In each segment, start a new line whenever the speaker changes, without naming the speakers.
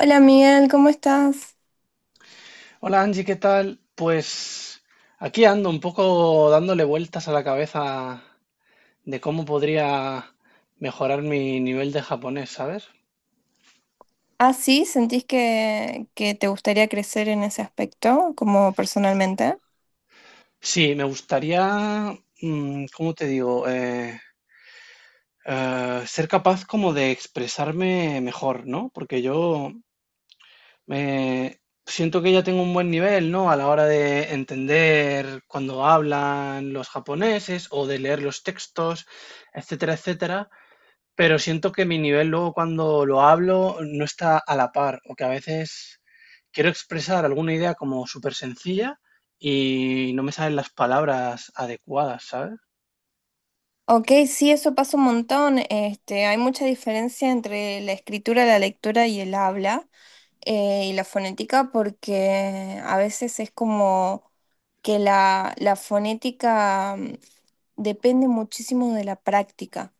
Hola Miguel, ¿cómo estás?
Hola Angie, ¿qué tal? Pues aquí ando un poco dándole vueltas a la cabeza de cómo podría mejorar mi nivel de japonés, ¿sabes?
Ah, sí, ¿sentís que, te gustaría crecer en ese aspecto, como personalmente?
Sí, me gustaría, ¿cómo te digo? Ser capaz como de expresarme mejor, ¿no? Porque yo me siento que ya tengo un buen nivel, ¿no? A la hora de entender cuando hablan los japoneses o de leer los textos, etcétera, etcétera. Pero siento que mi nivel luego cuando lo hablo no está a la par, o que a veces quiero expresar alguna idea como súper sencilla y no me salen las palabras adecuadas, ¿sabes?
Ok, sí, eso pasa un montón. Este, hay mucha diferencia entre la escritura, la lectura y el habla. Y la fonética porque a veces es como que la fonética depende muchísimo de la práctica.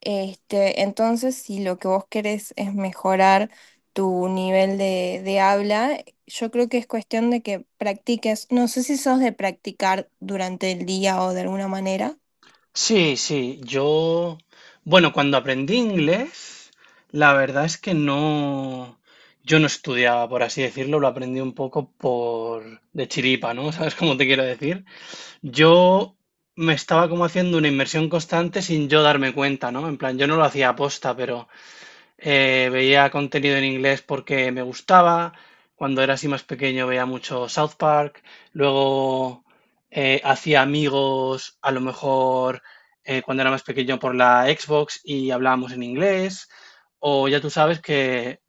Este, entonces, si lo que vos querés es mejorar tu nivel de habla, yo creo que es cuestión de que practiques. No sé si sos de practicar durante el día o de alguna manera.
Sí, sí, yo, bueno, cuando aprendí inglés, la verdad es que no, yo no estudiaba, por así decirlo, lo aprendí un poco por de chiripa, ¿no? ¿Sabes cómo te quiero decir? Yo me estaba como haciendo una inmersión constante sin yo darme cuenta, ¿no? En plan, yo no lo hacía aposta, pero veía contenido en inglés porque me gustaba. Cuando era así más pequeño veía mucho South Park. Luego hacía amigos, a lo mejor cuando era más pequeño por la Xbox y hablábamos en inglés. O ya tú sabes que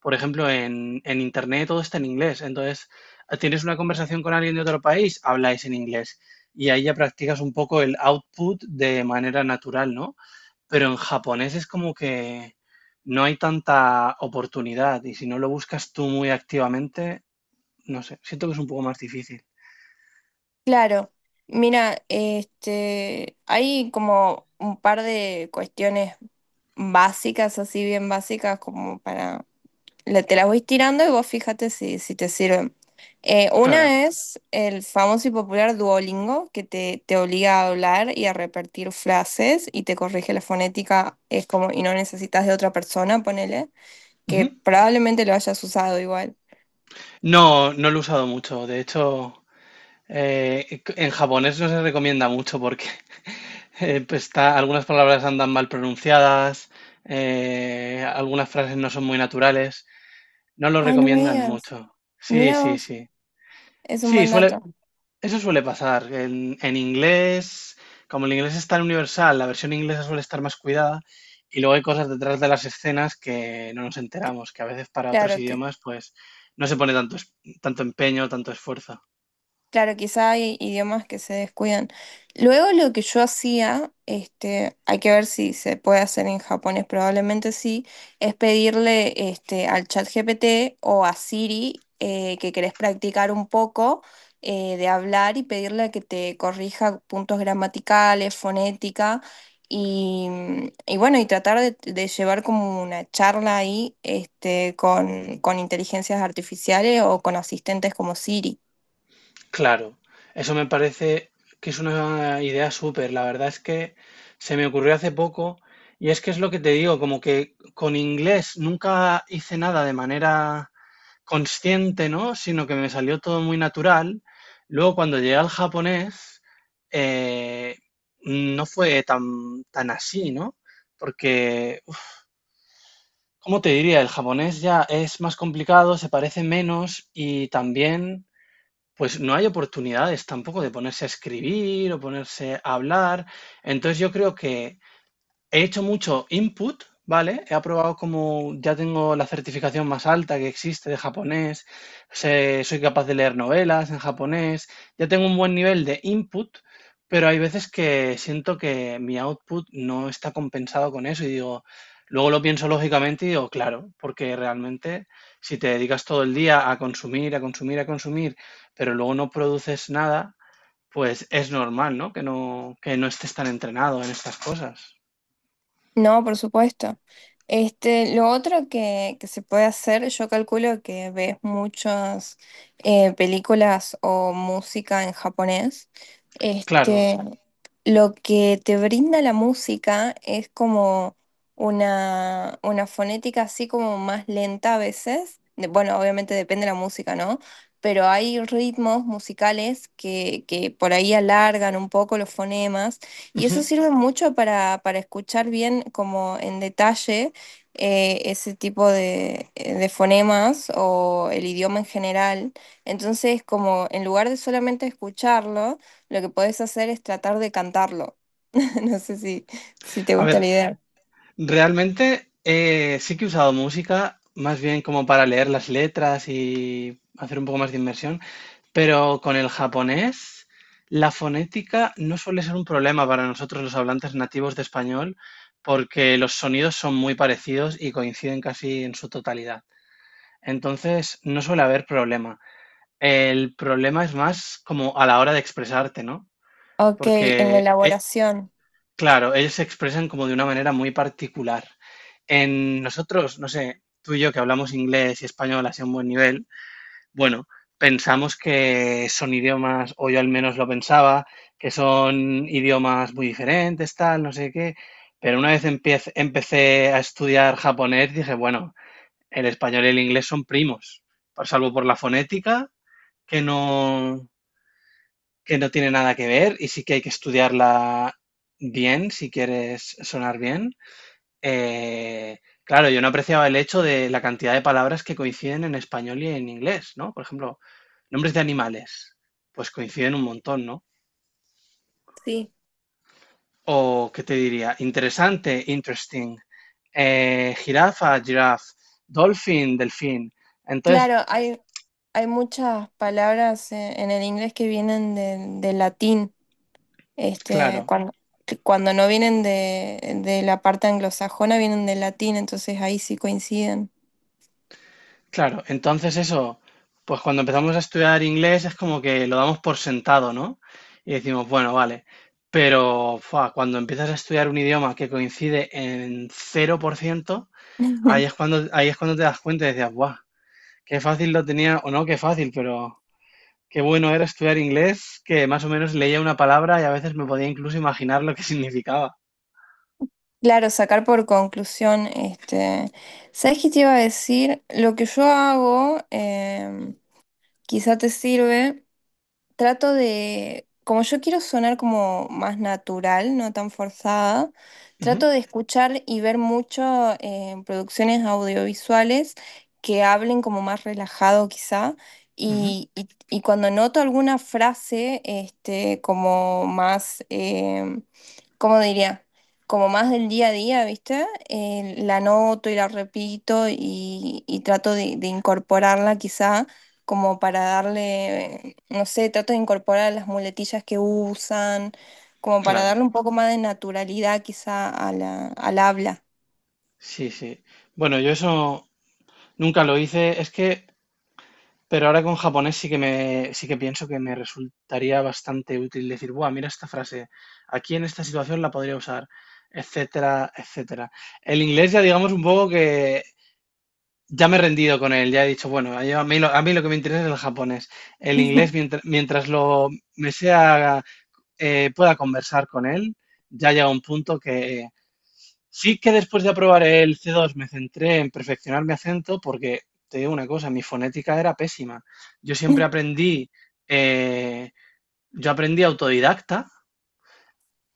por ejemplo, en Internet todo está en inglés. Entonces, ah, tienes una conversación con alguien de otro país, habláis en inglés. Y ahí ya practicas un poco el output de manera natural, ¿no? Pero en japonés es como que no hay tanta oportunidad y si no lo buscas tú muy activamente, no sé, siento que es un poco más difícil.
Claro, mira, este, hay como un par de cuestiones básicas, así bien básicas, como para, te las voy tirando y vos fíjate si, si te sirven.
Claro.
Una es el famoso y popular Duolingo, que te obliga a hablar y a repetir frases y te corrige la fonética, es como, y no necesitas de otra persona, ponele, que
Ujú.
probablemente lo hayas usado igual.
No, no lo he usado mucho. De hecho, en japonés no se recomienda mucho porque pues está, algunas palabras andan mal pronunciadas, algunas frases no son muy naturales. No lo
Ay, no me
recomiendan
digas,
mucho. Sí,
mira
sí,
vos,
sí.
es un
Sí,
buen dato.
eso suele pasar. En inglés, como el inglés es tan universal, la versión inglesa suele estar más cuidada y luego hay cosas detrás de las escenas que no nos enteramos, que a veces para otros
Claro, que
idiomas pues no se pone tanto, tanto empeño, tanto esfuerzo.
Claro, quizá hay idiomas que se descuidan. Luego lo que yo hacía, este, hay que ver si se puede hacer en japonés, probablemente sí, es pedirle este, al chat GPT o a Siri que querés practicar un poco de hablar y pedirle que te corrija puntos gramaticales, fonética y, y bueno, y tratar de llevar como una charla ahí este, con inteligencias artificiales o con asistentes como Siri.
Claro, eso me parece que es una idea súper. La verdad es que se me ocurrió hace poco y es que es lo que te digo, como que con inglés nunca hice nada de manera consciente, ¿no? Sino que me salió todo muy natural. Luego cuando llegué al japonés, eh, no fue tan así, ¿no? Porque, ¿cómo te diría? El japonés ya es más complicado, se parece menos y también... Pues no hay oportunidades tampoco de ponerse a escribir o ponerse a hablar. Entonces yo creo que he hecho mucho input, ¿vale? He aprobado como ya tengo la certificación más alta que existe de japonés, soy capaz de leer novelas en japonés, ya tengo un buen nivel de input, pero hay veces que siento que mi output no está compensado con eso y digo, luego lo pienso lógicamente y digo, claro, porque realmente si te dedicas todo el día a consumir, a consumir, a consumir, pero luego no produces nada, pues es normal, ¿no? Que no estés tan entrenado en estas cosas.
No, por supuesto. Este, lo otro que se puede hacer, yo calculo que ves muchas películas o música en japonés.
Claro,
Este, lo que te brinda la música es como una fonética así como más lenta a veces. De- bueno, obviamente depende de la música, ¿no? Pero hay ritmos musicales que por ahí alargan un poco los fonemas. Y eso
ujú.
sirve mucho para escuchar bien como en detalle ese tipo de fonemas o el idioma en general. Entonces, como en lugar de solamente escucharlo, lo que podés hacer es tratar de cantarlo. No sé si, si te
A
gusta la
ver,
idea.
realmente sí que he usado música más bien como para leer las letras y hacer un poco más de inmersión, pero con el japonés la fonética no suele ser un problema para nosotros los hablantes nativos de español porque los sonidos son muy parecidos y coinciden casi en su totalidad. Entonces no suele haber problema. El problema es más como a la hora de expresarte, ¿no?
Ok, en la
Porque e-
elaboración.
Claro, ellos se expresan como de una manera muy particular. En nosotros, no sé, tú y yo que hablamos inglés y español así a un buen nivel, bueno, pensamos que son idiomas, o yo al menos lo pensaba, que son idiomas muy diferentes, tal, no sé qué. Pero una vez empecé a estudiar japonés, dije, bueno, el español y el inglés son primos, salvo por la fonética, que no, que no tiene nada que ver y sí que hay que estudiarla bien si quieres sonar bien. Eh, claro, yo no apreciaba el hecho de la cantidad de palabras que coinciden en español y en inglés, ¿no? Por ejemplo, nombres de animales, pues coinciden un montón, ¿no?
Sí.
O, ¿qué te diría? Interesante, interesting. Eh, jirafa, giraffe. Dolphin, delfín. Entonces,
Claro, hay muchas palabras en el inglés que vienen del latín. Este,
claro,
cuando, cuando no vienen de la parte anglosajona, vienen del latín, entonces ahí sí coinciden.
claro, entonces eso, pues cuando empezamos a estudiar inglés es como que lo damos por sentado, ¿no? Y decimos, bueno, vale, pero fua, cuando empiezas a estudiar un idioma que coincide en 0%, ahí es cuando te das cuenta y decías, guau, qué fácil lo tenía, o no, qué fácil, pero qué bueno era estudiar inglés, que más o menos leía una palabra y a veces me podía incluso imaginar lo que significaba.
Claro, sacar por conclusión, este, ¿sabes qué te iba a decir? Lo que yo hago, quizá te sirve. Trato de, como yo quiero sonar como más natural, no tan forzada, trato
Ujú,
de escuchar y ver mucho producciones audiovisuales que hablen como más relajado quizá.
ujú,
Y, y cuando noto alguna frase, este, como más, ¿cómo diría? Como más del día a día, ¿viste? La noto y la repito y trato de incorporarla quizá como para darle, no sé, trato de incorporar las muletillas que usan, como para darle
claro,
un poco más de naturalidad quizá a la, al habla.
sí, sí. Bueno, yo eso nunca lo hice, es que... Pero ahora con japonés sí que pienso que me resultaría bastante útil decir, buah, mira esta frase, aquí en esta situación la podría usar, etcétera, etcétera. El inglés ya digamos un poco que ya me he rendido con él, ya he dicho, bueno, a mí lo que me interesa es el japonés. El inglés, mientras lo me sea, pueda conversar con él, ya llega un punto que sí que después de aprobar el C2 me centré en perfeccionar mi acento porque, te digo una cosa, mi fonética era pésima. Yo siempre aprendí, eh, yo aprendí autodidacta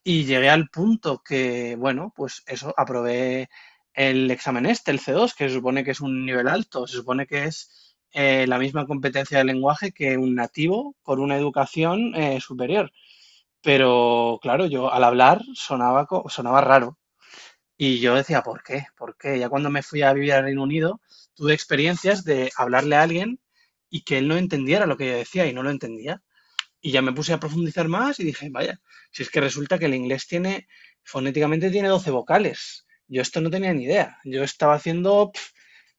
y llegué al punto que, bueno, pues eso, aprobé el examen este, el C2, que se supone que es un nivel alto, se supone que es la misma competencia de lenguaje que un nativo con una educación superior. Pero claro, yo al hablar sonaba raro. Y yo decía, ¿por qué? ¿Por qué? Ya cuando me fui a vivir al Reino Unido, tuve experiencias de hablarle a alguien y que él no entendiera lo que yo decía y no lo entendía. Y ya me puse a profundizar más y dije, vaya, si es que resulta que el inglés tiene, fonéticamente tiene 12 vocales. Yo esto no tenía ni idea. Yo estaba haciendo, pf,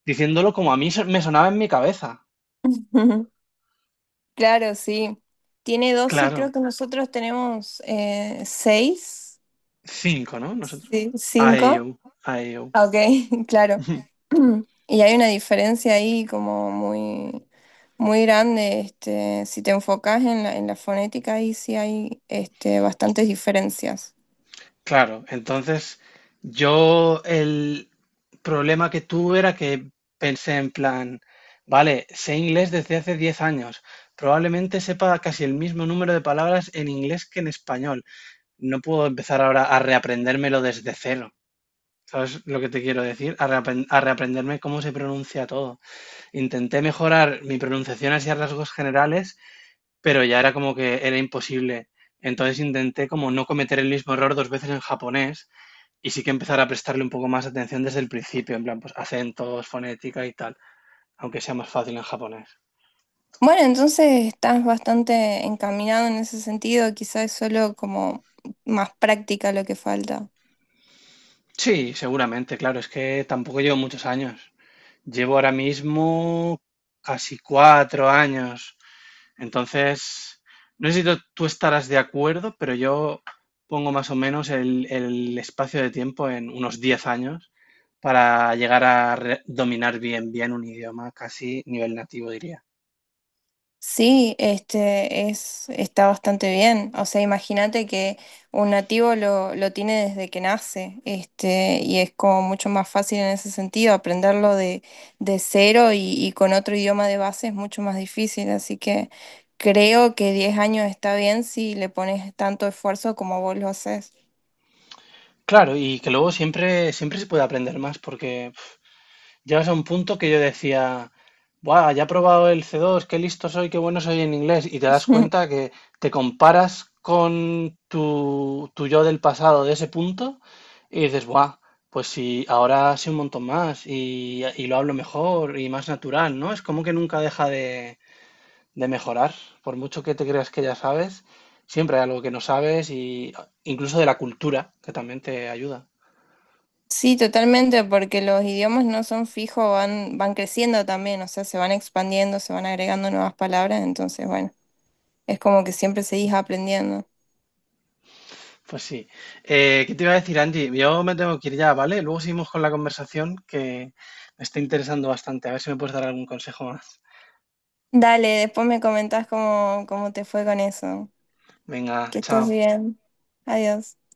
diciéndolo como a mí me sonaba en mi cabeza.
Claro, sí. Tiene dos y
Claro,
creo que nosotros tenemos seis,
cinco, ¿no? Nosotros.
sí, cinco.
IU, IU.
Ah, ok, claro. Y hay una diferencia ahí como muy, muy grande. Este, si te enfocas en la fonética, ahí sí hay este, bastantes diferencias.
Claro, entonces yo el problema que tuve era que pensé en plan, vale, sé inglés desde hace 10 años, probablemente sepa casi el mismo número de palabras en inglés que en español. No puedo empezar ahora a reaprendérmelo desde cero. ¿Sabes lo que te quiero decir? A reaprenderme cómo se pronuncia todo. Intenté mejorar mi pronunciación hacia rasgos generales, pero ya era como que era imposible. Entonces intenté como no cometer el mismo error dos veces en japonés y sí que empezar a prestarle un poco más atención desde el principio, en plan, pues acentos, fonética y tal, aunque sea más fácil en japonés.
Bueno, entonces estás bastante encaminado en ese sentido, quizás es solo como más práctica lo que falta.
Sí, seguramente, claro, es que tampoco llevo muchos años. Llevo ahora mismo casi 4 años. Entonces, no sé si tú estarás de acuerdo, pero yo pongo más o menos el espacio de tiempo en unos 10 años para llegar a dominar bien, bien un idioma, casi nivel nativo, diría.
Sí, este es, está bastante bien. O sea, imagínate que un nativo lo tiene desde que nace, este, y es como mucho más fácil en ese sentido, aprenderlo de cero y con otro idioma de base es mucho más difícil. Así que creo que 10 años está bien si le pones tanto esfuerzo como vos lo haces.
Claro, y que luego siempre, siempre se puede aprender más, porque pf, llegas a un punto que yo decía, buah, ya he probado el C2, qué listo soy, qué bueno soy en inglés, y te das cuenta que te comparas con tu yo del pasado de ese punto y dices, buah, pues sí, ahora sé un montón más y lo hablo mejor y más natural, ¿no? Es como que nunca deja de mejorar, por mucho que te creas que ya sabes, siempre hay algo que no sabes y ah, incluso de la cultura, que también te ayuda.
Sí, totalmente, porque los idiomas no son fijos, van, van creciendo también, o sea, se van expandiendo, se van agregando nuevas palabras, entonces, bueno, es como que siempre seguís aprendiendo.
Pues sí. ¿Qué te iba a decir, Angie? Yo me tengo que ir ya, ¿vale? Luego seguimos con la conversación que me está interesando bastante. A ver si me puedes dar algún consejo más.
Dale, después me comentás cómo, cómo te fue con eso.
Venga,
Que estés
chao.
bien. Adiós.